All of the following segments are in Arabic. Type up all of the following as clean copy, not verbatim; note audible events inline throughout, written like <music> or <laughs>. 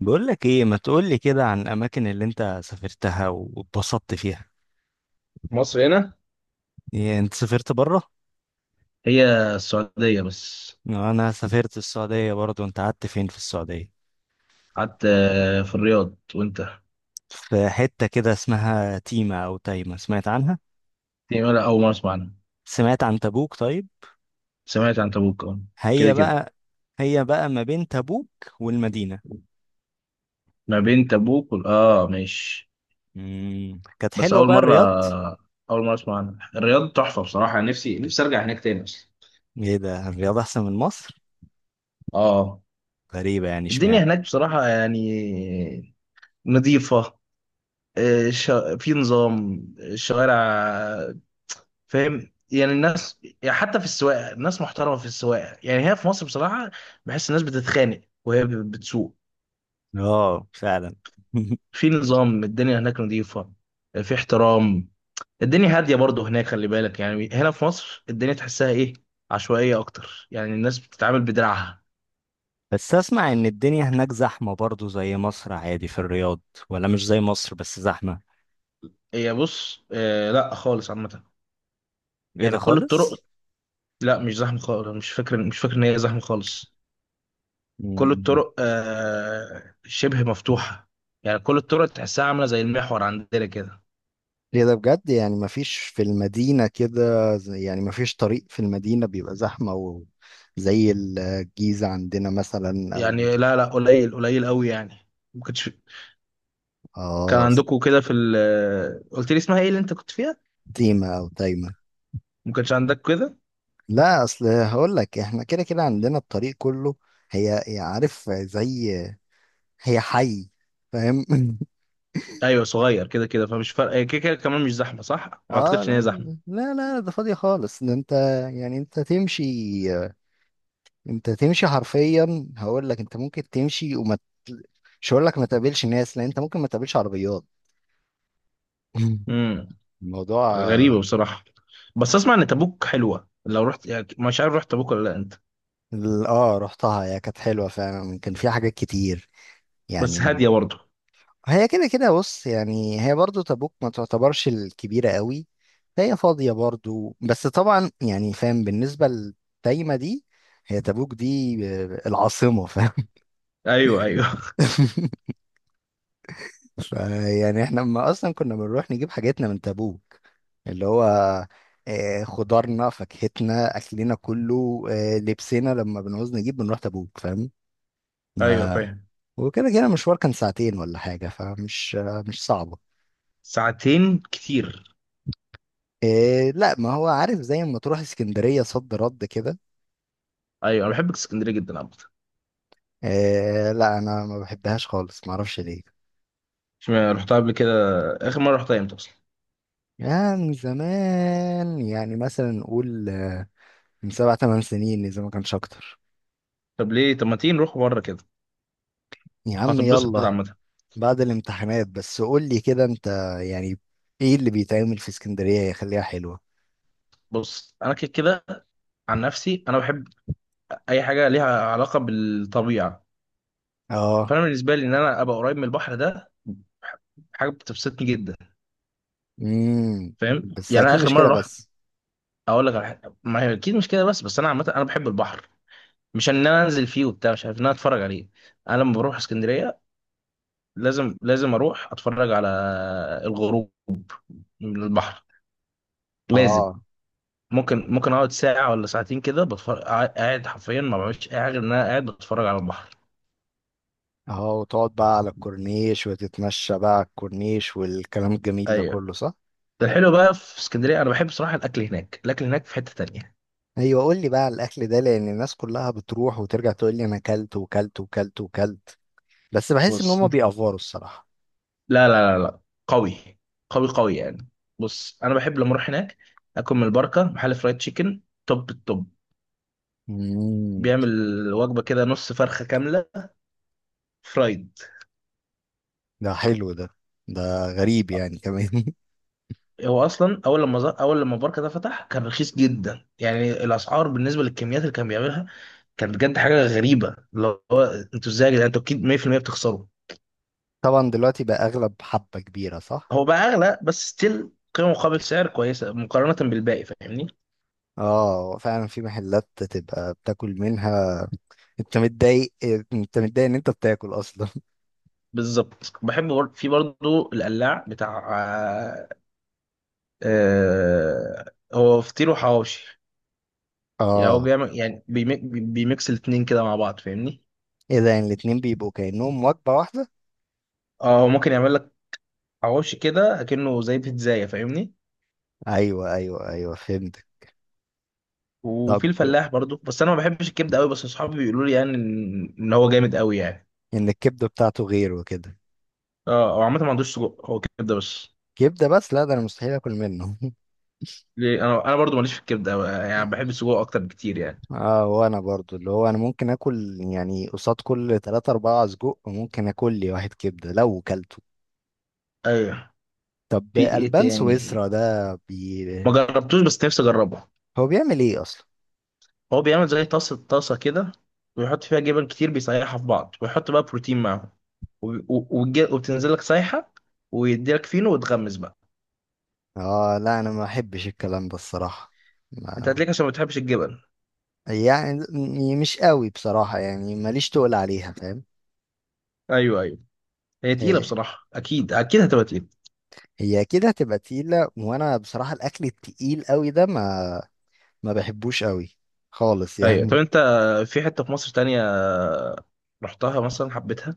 بقول لك ايه، ما تقول لي كده عن الاماكن اللي انت سافرتها واتبسطت فيها؟ مصر هنا. إيه، انت سافرت بره؟ هي السعودية بس. انا سافرت السعوديه برضو. انت قعدت فين في السعوديه؟ قعدت في الرياض وانت؟ في حته كده اسمها تيمه او تايمه، سمعت عنها؟ دي ولا أول مرة أسمع عنها. سمعت عن تبوك طيب؟ سمعت عن تبوك اه. كده هي كده، بقى. هي بقى ما بين تبوك والمدينه. ما بين تبوك اه ماشي. كانت بس حلوه أول بقى مرة، الرياض؟ أول مرة أسمع عنها. الرياض تحفة بصراحة، نفسي نفسي أرجع هناك تاني أصلا. ايه ده، الرياض احسن من مصر؟ اه، غريبه يعني، الدنيا اشمعنى؟ هناك بصراحة يعني نظيفة، آه، ش... في نظام الشوارع، فاهم يعني. الناس يعني حتى في السواقه الناس محترمه في السواقه. يعني هي في مصر بصراحه بحس الناس بتتخانق وهي بتسوق. اه، فعلا. <laughs> في نظام، الدنيا هناك نظيفه، في احترام. الدنيا هاديه برضه هناك، خلي بالك. يعني هنا في مصر الدنيا تحسها ايه، عشوائيه اكتر، يعني الناس بتتعامل بدراعها. بس اسمع ان الدنيا هناك زحمة برضو زي مصر، عادي في الرياض؟ ولا مش زي مصر، بس زحمة؟ هي بص آه، لا خالص عامه. ايه ده يعني كل الطرق، خالص؟ لا مش زحمه خالص. مش فاكر ان هي زحمه خالص. كل مم. الطرق آه شبه مفتوحه، يعني كل الطرق تحسها عامله زي المحور عندنا كده. ليه ده بجد؟ يعني مفيش في المدينة كده، يعني مفيش طريق في المدينة بيبقى زحمة زي الجيزة عندنا مثلا، أو يعني لا لا، قليل قليل قوي يعني. ما كنتش كان آه عندكم كده في ال... قلت لي اسمها ايه اللي انت كنت فيها؟ تيمة أو تايمة. ما كانش عندك كده. لا، أصل هقول لك إحنا كده كده عندنا الطريق كله. هي هي عارف زي، هي حي، فاهم؟ <laughs> ايوه صغير كده كده، فمش فارقه، هي كده كده كمان مش زحمه، صح؟ ما اه، اعتقدش ان هي لا، زحمه. لا، لا، ده فاضية خالص، ده انت، يعني انت تمشي انت تمشي حرفيا، هقول لك انت ممكن تمشي مش هقول لك ما تقابلش ناس، لان انت ممكن ما تقابلش عربيات. <laughs> امم الموضوع. غريبه بصراحه. بس اسمع ان تبوك حلوه لو رحت، يعني مش عارف رحت تبوك ولا لا انت؟ اه، رحتها، هي كانت حلوة فعلا، كان فيها حاجات كتير، بس يعني. هاديه برضه. هي كده كده، بص يعني، هي برضو تبوك ما تعتبرش الكبيرة قوي، فهي فاضية برضو، بس طبعا يعني فاهم. بالنسبة للتايمة دي، هي تبوك دي العاصمة، فاهم؟ ايوه ايوه. <laughs> ف- يعني احنا ما اصلا كنا بنروح نجيب حاجاتنا من تبوك، اللي هو خضارنا فاكهتنا اكلنا كله، لبسنا لما بنعوز نجيب بنروح تبوك، فاهم؟ <laughs> ايوه ما- فاهم. وكده كده المشوار كان ساعتين ولا حاجة، فمش مش صعبة. ساعتين كتير. لا، ما هو عارف، زي ما تروح اسكندرية صد رد كده. ايوه انا بحب اسكندريه جدا عامه. لا انا ما بحبهاش خالص، ما اعرفش ليه. مش رحتها قبل كده؟ اخر مره رحتها امتى اصلا؟ يعني زمان، يعني مثلا نقول من 7 8 سنين اذا ما كانش اكتر. طب ليه طب ما تيجي نروح بره كده، يا عم، هتتبسط يلا. عامه. بعد الامتحانات، بس قول لي كده انت، يعني، ايه اللي بيتعمل في اسكندرية يخليها حلوة؟ بص انا كده كده، عن نفسي انا بحب اي حاجه ليها علاقه بالطبيعه. اه. فانا بالنسبه لي، ان انا ابقى قريب من البحر ده، حاجه بتبسطني جدا، امم. فاهم بس يعني. انا اكيد اخر مش مره كده رحت، بس. اقول لك على حاجه. ما هي اكيد مش كده بس، بس انا عامه انا بحب البحر، مش ان انا انزل فيه وبتاع، مش عارف، ان انا اتفرج عليه. انا لما بروح اسكندريه لازم لازم اروح اتفرج على الغروب من البحر، لازم. اه. ممكن اقعد ساعه ولا ساعتين كده بتفرج، قاعد حرفيا ما بعملش اي حاجه غير ان انا قاعد بتفرج على البحر. اه، وتقعد بقى على الكورنيش وتتمشى بقى على الكورنيش والكلام الجميل ده ايوه. كله، صح؟ الحلو بقى في اسكندريه، انا بحب صراحه الاكل هناك، الاكل هناك في حته تانية. ايوه، قول لي بقى على الاكل ده، لان الناس كلها بتروح وترجع تقول لي انا اكلت وكلت وكلت وكلت، بس بحس ان بص هما انت، بيأفوروا الصراحة. لا لا لا لا، قوي قوي قوي يعني. بص انا بحب لما اروح هناك اكل من البركه، محل فرايد تشيكن، توب التوب. امم. بيعمل وجبه كده نص فرخه كامله فرايد. ده حلو ده، ده غريب يعني كمان. هو اصلا اول اول لما البركه ده فتح كان رخيص جدا. يعني الاسعار بالنسبه للكميات اللي كان بيعملها، كان بجد حاجه غريبه. اللي هو، انتوا ازاي يا جدعان؟ انتوا اكيد 100% بتخسروا. <laughs> طبعا دلوقتي بقى اغلب حبة كبيرة، صح؟ هو بقى اغلى، بس ستيل قيمه مقابل سعر كويسه مقارنه بالباقي، فاهمني. اه فعلا، في محلات تبقى بتاكل منها. انت متضايق انت متضايق ان انت بتاكل اصلا. <laughs> بالظبط. بحب في برضه القلاع بتاع هو فطير وحواوشي. يعني هو اه. بيعمل يعني بيميكس الاتنين كده مع بعض، فاهمني. ايه ده، يعني الاتنين بيبقوا كأنهم وجبة واحدة؟ اه هو ممكن يعمل لك حواوشي كده اكنه زي بيتزاية، فاهمني. ايوه، ايوه، ايوه، فهمت. طب، وفي الفلاح برضه، بس انا ما بحبش الكبده قوي، بس اصحابي بيقولوا لي يعني ان هو جامد قوي يعني. ان الكبدة بتاعته غير وكده؟ اه هو عامه ما عندوش سجق، هو كبده بس. كبدة بس، لا، ده انا مستحيل اكل منه. <laughs> ليه انا انا برضه ماليش في الكبده قوي يعني، بحب السجق اكتر بكتير يعني. اه، وانا برضو اللي هو انا ممكن اكل، يعني قصاد كل تلاتة اربعة سجق ممكن اكل لي واحد كبدة لو كلته. ايوه. طب، في ايه البان سويسرا تاني؟ ده ما جربتوش بس نفسي اجربه. هو بيعمل ايه اصلا؟ هو بيعمل زي طاسة طاسة كده، ويحط فيها جبن كتير، بيسيحها في بعض، ويحط بقى بروتين معاهم، وبتنزل لك سايحة، ويديلك فينو وتغمس بقى. اه، لا انا ما احبش الكلام ده الصراحة، انت ما هتلاقيك عشان ما بتحبش الجبن. يعني مش قوي بصراحة، يعني ماليش تقول عليها، فاهم؟ ايوه ايوه. هي تقيلة إيه، بصراحة، اكيد اكيد هتبقى تقيلة. هي كده هتبقى تقيلة، وانا بصراحة الاكل التقيل قوي ده ما بحبوش قوي، خالص ايوه. طب يعني. انت في حتة في مصر تانية رحتها مثلا حبيتها؟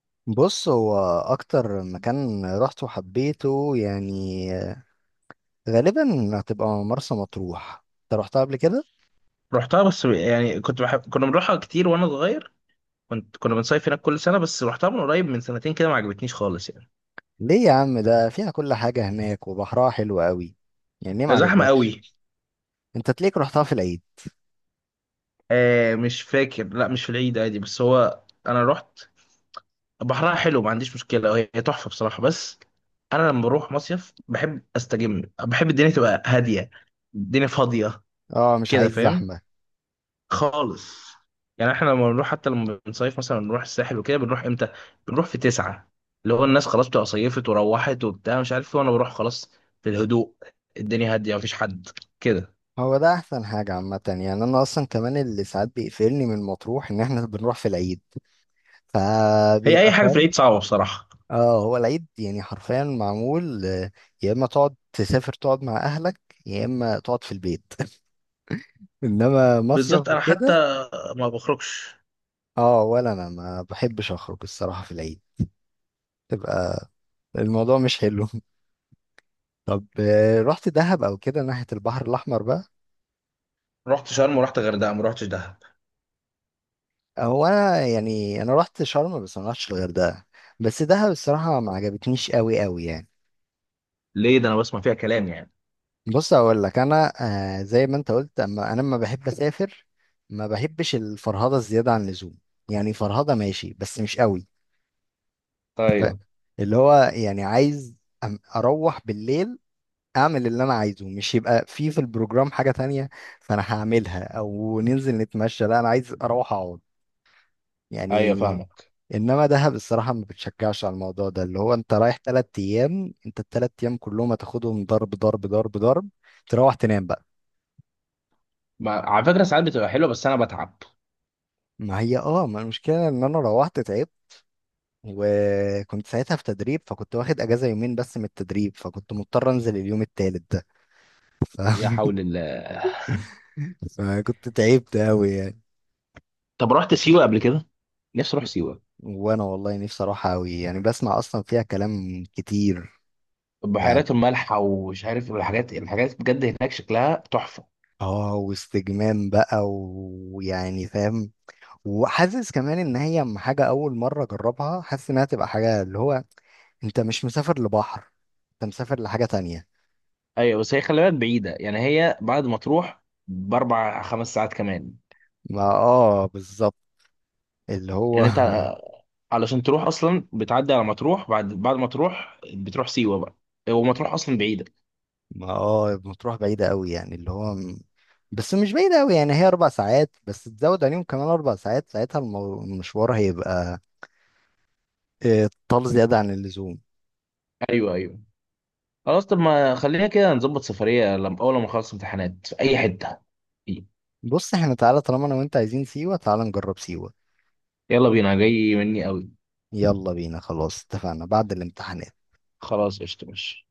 <laughs> بص هو اكتر مكان رحت وحبيته يعني، غالبا هتبقى مرسى مطروح، انت رحتها قبل كده؟ رحتها، بس يعني كنت بحب كنا بنروحها كتير وانا صغير، كنت كنا بنصيف هناك كل سنة، بس رحتها من قريب من سنتين كده ما عجبتنيش خالص يعني. ليه يا عم، ده فيها كل حاجة هناك وبحرها حلو قوي، يعني ليه ما زحمة عجبكش؟ قوي. انت تليك رحتها في العيد؟ آه مش فاكر، لا مش في العيد عادي، بس هو انا رحت. بحرها حلو ما عنديش مشكلة، هي هي تحفة بصراحة، بس أنا لما بروح مصيف بحب أستجم، بحب الدنيا تبقى هادية، الدنيا فاضية اه، مش كده، عايز فاهم؟ زحمة. خالص يعني. احنا لما بنروح حتى لما بنصيف مثلا بنروح الساحل وكده، بنروح امتى؟ بنروح في تسعة. اللي هو الناس خلاص بتبقى صيفت وروحت وبتاع مش عارف ايه، وأنا بروح خلاص في الهدوء، الدنيا هادية مفيش حد كده. هو ده احسن حاجة عامة، يعني انا اصلا كمان اللي ساعات بيقفلني من مطروح ان احنا بنروح في العيد، هي فبيبقى، أي حاجة في فاهم؟ العيد صعبة بصراحة. اه، هو العيد يعني حرفيا معمول يا اما تقعد تسافر تقعد مع اهلك، يا اما تقعد في البيت. <laughs> انما بالظبط. مصيف أنا حتى وكده. ما بخرجش. اه، ولا انا ما بحبش اخرج الصراحة في العيد، تبقى الموضوع مش حلو. <laughs> طب، رحت دهب او كده ناحية البحر الاحمر بقى؟ رحت شرم ورحت غردقة، ما رحتش دهب. هو انا يعني، انا رحت شرم بس ما رحتش الغردقه. بس دهب الصراحه ما عجبتنيش قوي قوي يعني. ليه ده؟ أنا بسمع فيها كلام يعني. بص اقول لك انا، زي ما انت قلت، اما انا لما بحب اسافر ما بحبش الفرهده الزياده عن اللزوم. يعني فرهده ماشي بس مش قوي. ف- طيب. اللي هو يعني عايز اروح بالليل، اعمل اللي انا عايزه، مش يبقى في البروجرام حاجه تانية فانا هعملها، او ننزل نتمشى. لا انا عايز اروح اقعد ايوه يعني. فاهمك. انما دهب الصراحه ما بتشجعش على الموضوع ده، اللي هو انت رايح 3 ايام، انت التلات ايام كلهم هتاخدهم ضرب ضرب ضرب ضرب، تروح تنام بقى. ما على فكره ساعات بتبقى حلوه بس انا بتعب. ما هي اه، ما المشكله ان انا روحت تعبت، وكنت ساعتها في تدريب فكنت واخد اجازه يومين بس من التدريب، فكنت مضطر انزل اليوم التالت ده. <laughs> ف... يا حول الله. فكنت تعبت قوي يعني. طب رحت سيوه قبل كده؟ نفسي اروح سيوه. وانا والله نفسي اروح قوي، يعني بسمع اصلا فيها كلام كتير، يعني. بحيرات الملح ومش عارف الحاجات بجد هناك شكلها تحفه. اه، واستجمام بقى ويعني فاهم، وحاسس كمان ان هي حاجه اول مره اجربها، حاسس انها تبقى حاجه اللي هو انت مش مسافر لبحر، انت مسافر لحاجه تانية. ايوه بس هي خلي بالك بعيده، يعني هي بعد ما تروح باربع خمس ساعات كمان. ما اه بالظبط، اللي هو. يعني انت <laughs> علشان تروح اصلا بتعدي على مطروح، بعد ما تروح بتروح سيوه بقى، ومطروح اصلا بعيده. ما اه بتروح بعيده قوي، يعني اللي هو بس مش بعيده قوي، يعني هي 4 ساعات بس، تزود عليهم كمان 4 ساعات، ساعتها المشوار هيبقى طال زياده عن اللزوم. ايوه ايوه. خلاص طب ما خلينا كده نظبط سفريه لما اول ما نخلص امتحانات في اي حته. بص احنا، تعالى طالما انا وانت عايزين سيوه، تعالى نجرب سيوه. يلا بينا، جاي مني قوي. يلا بينا، خلاص اتفقنا بعد الامتحان. خلاص قشطة ماشي.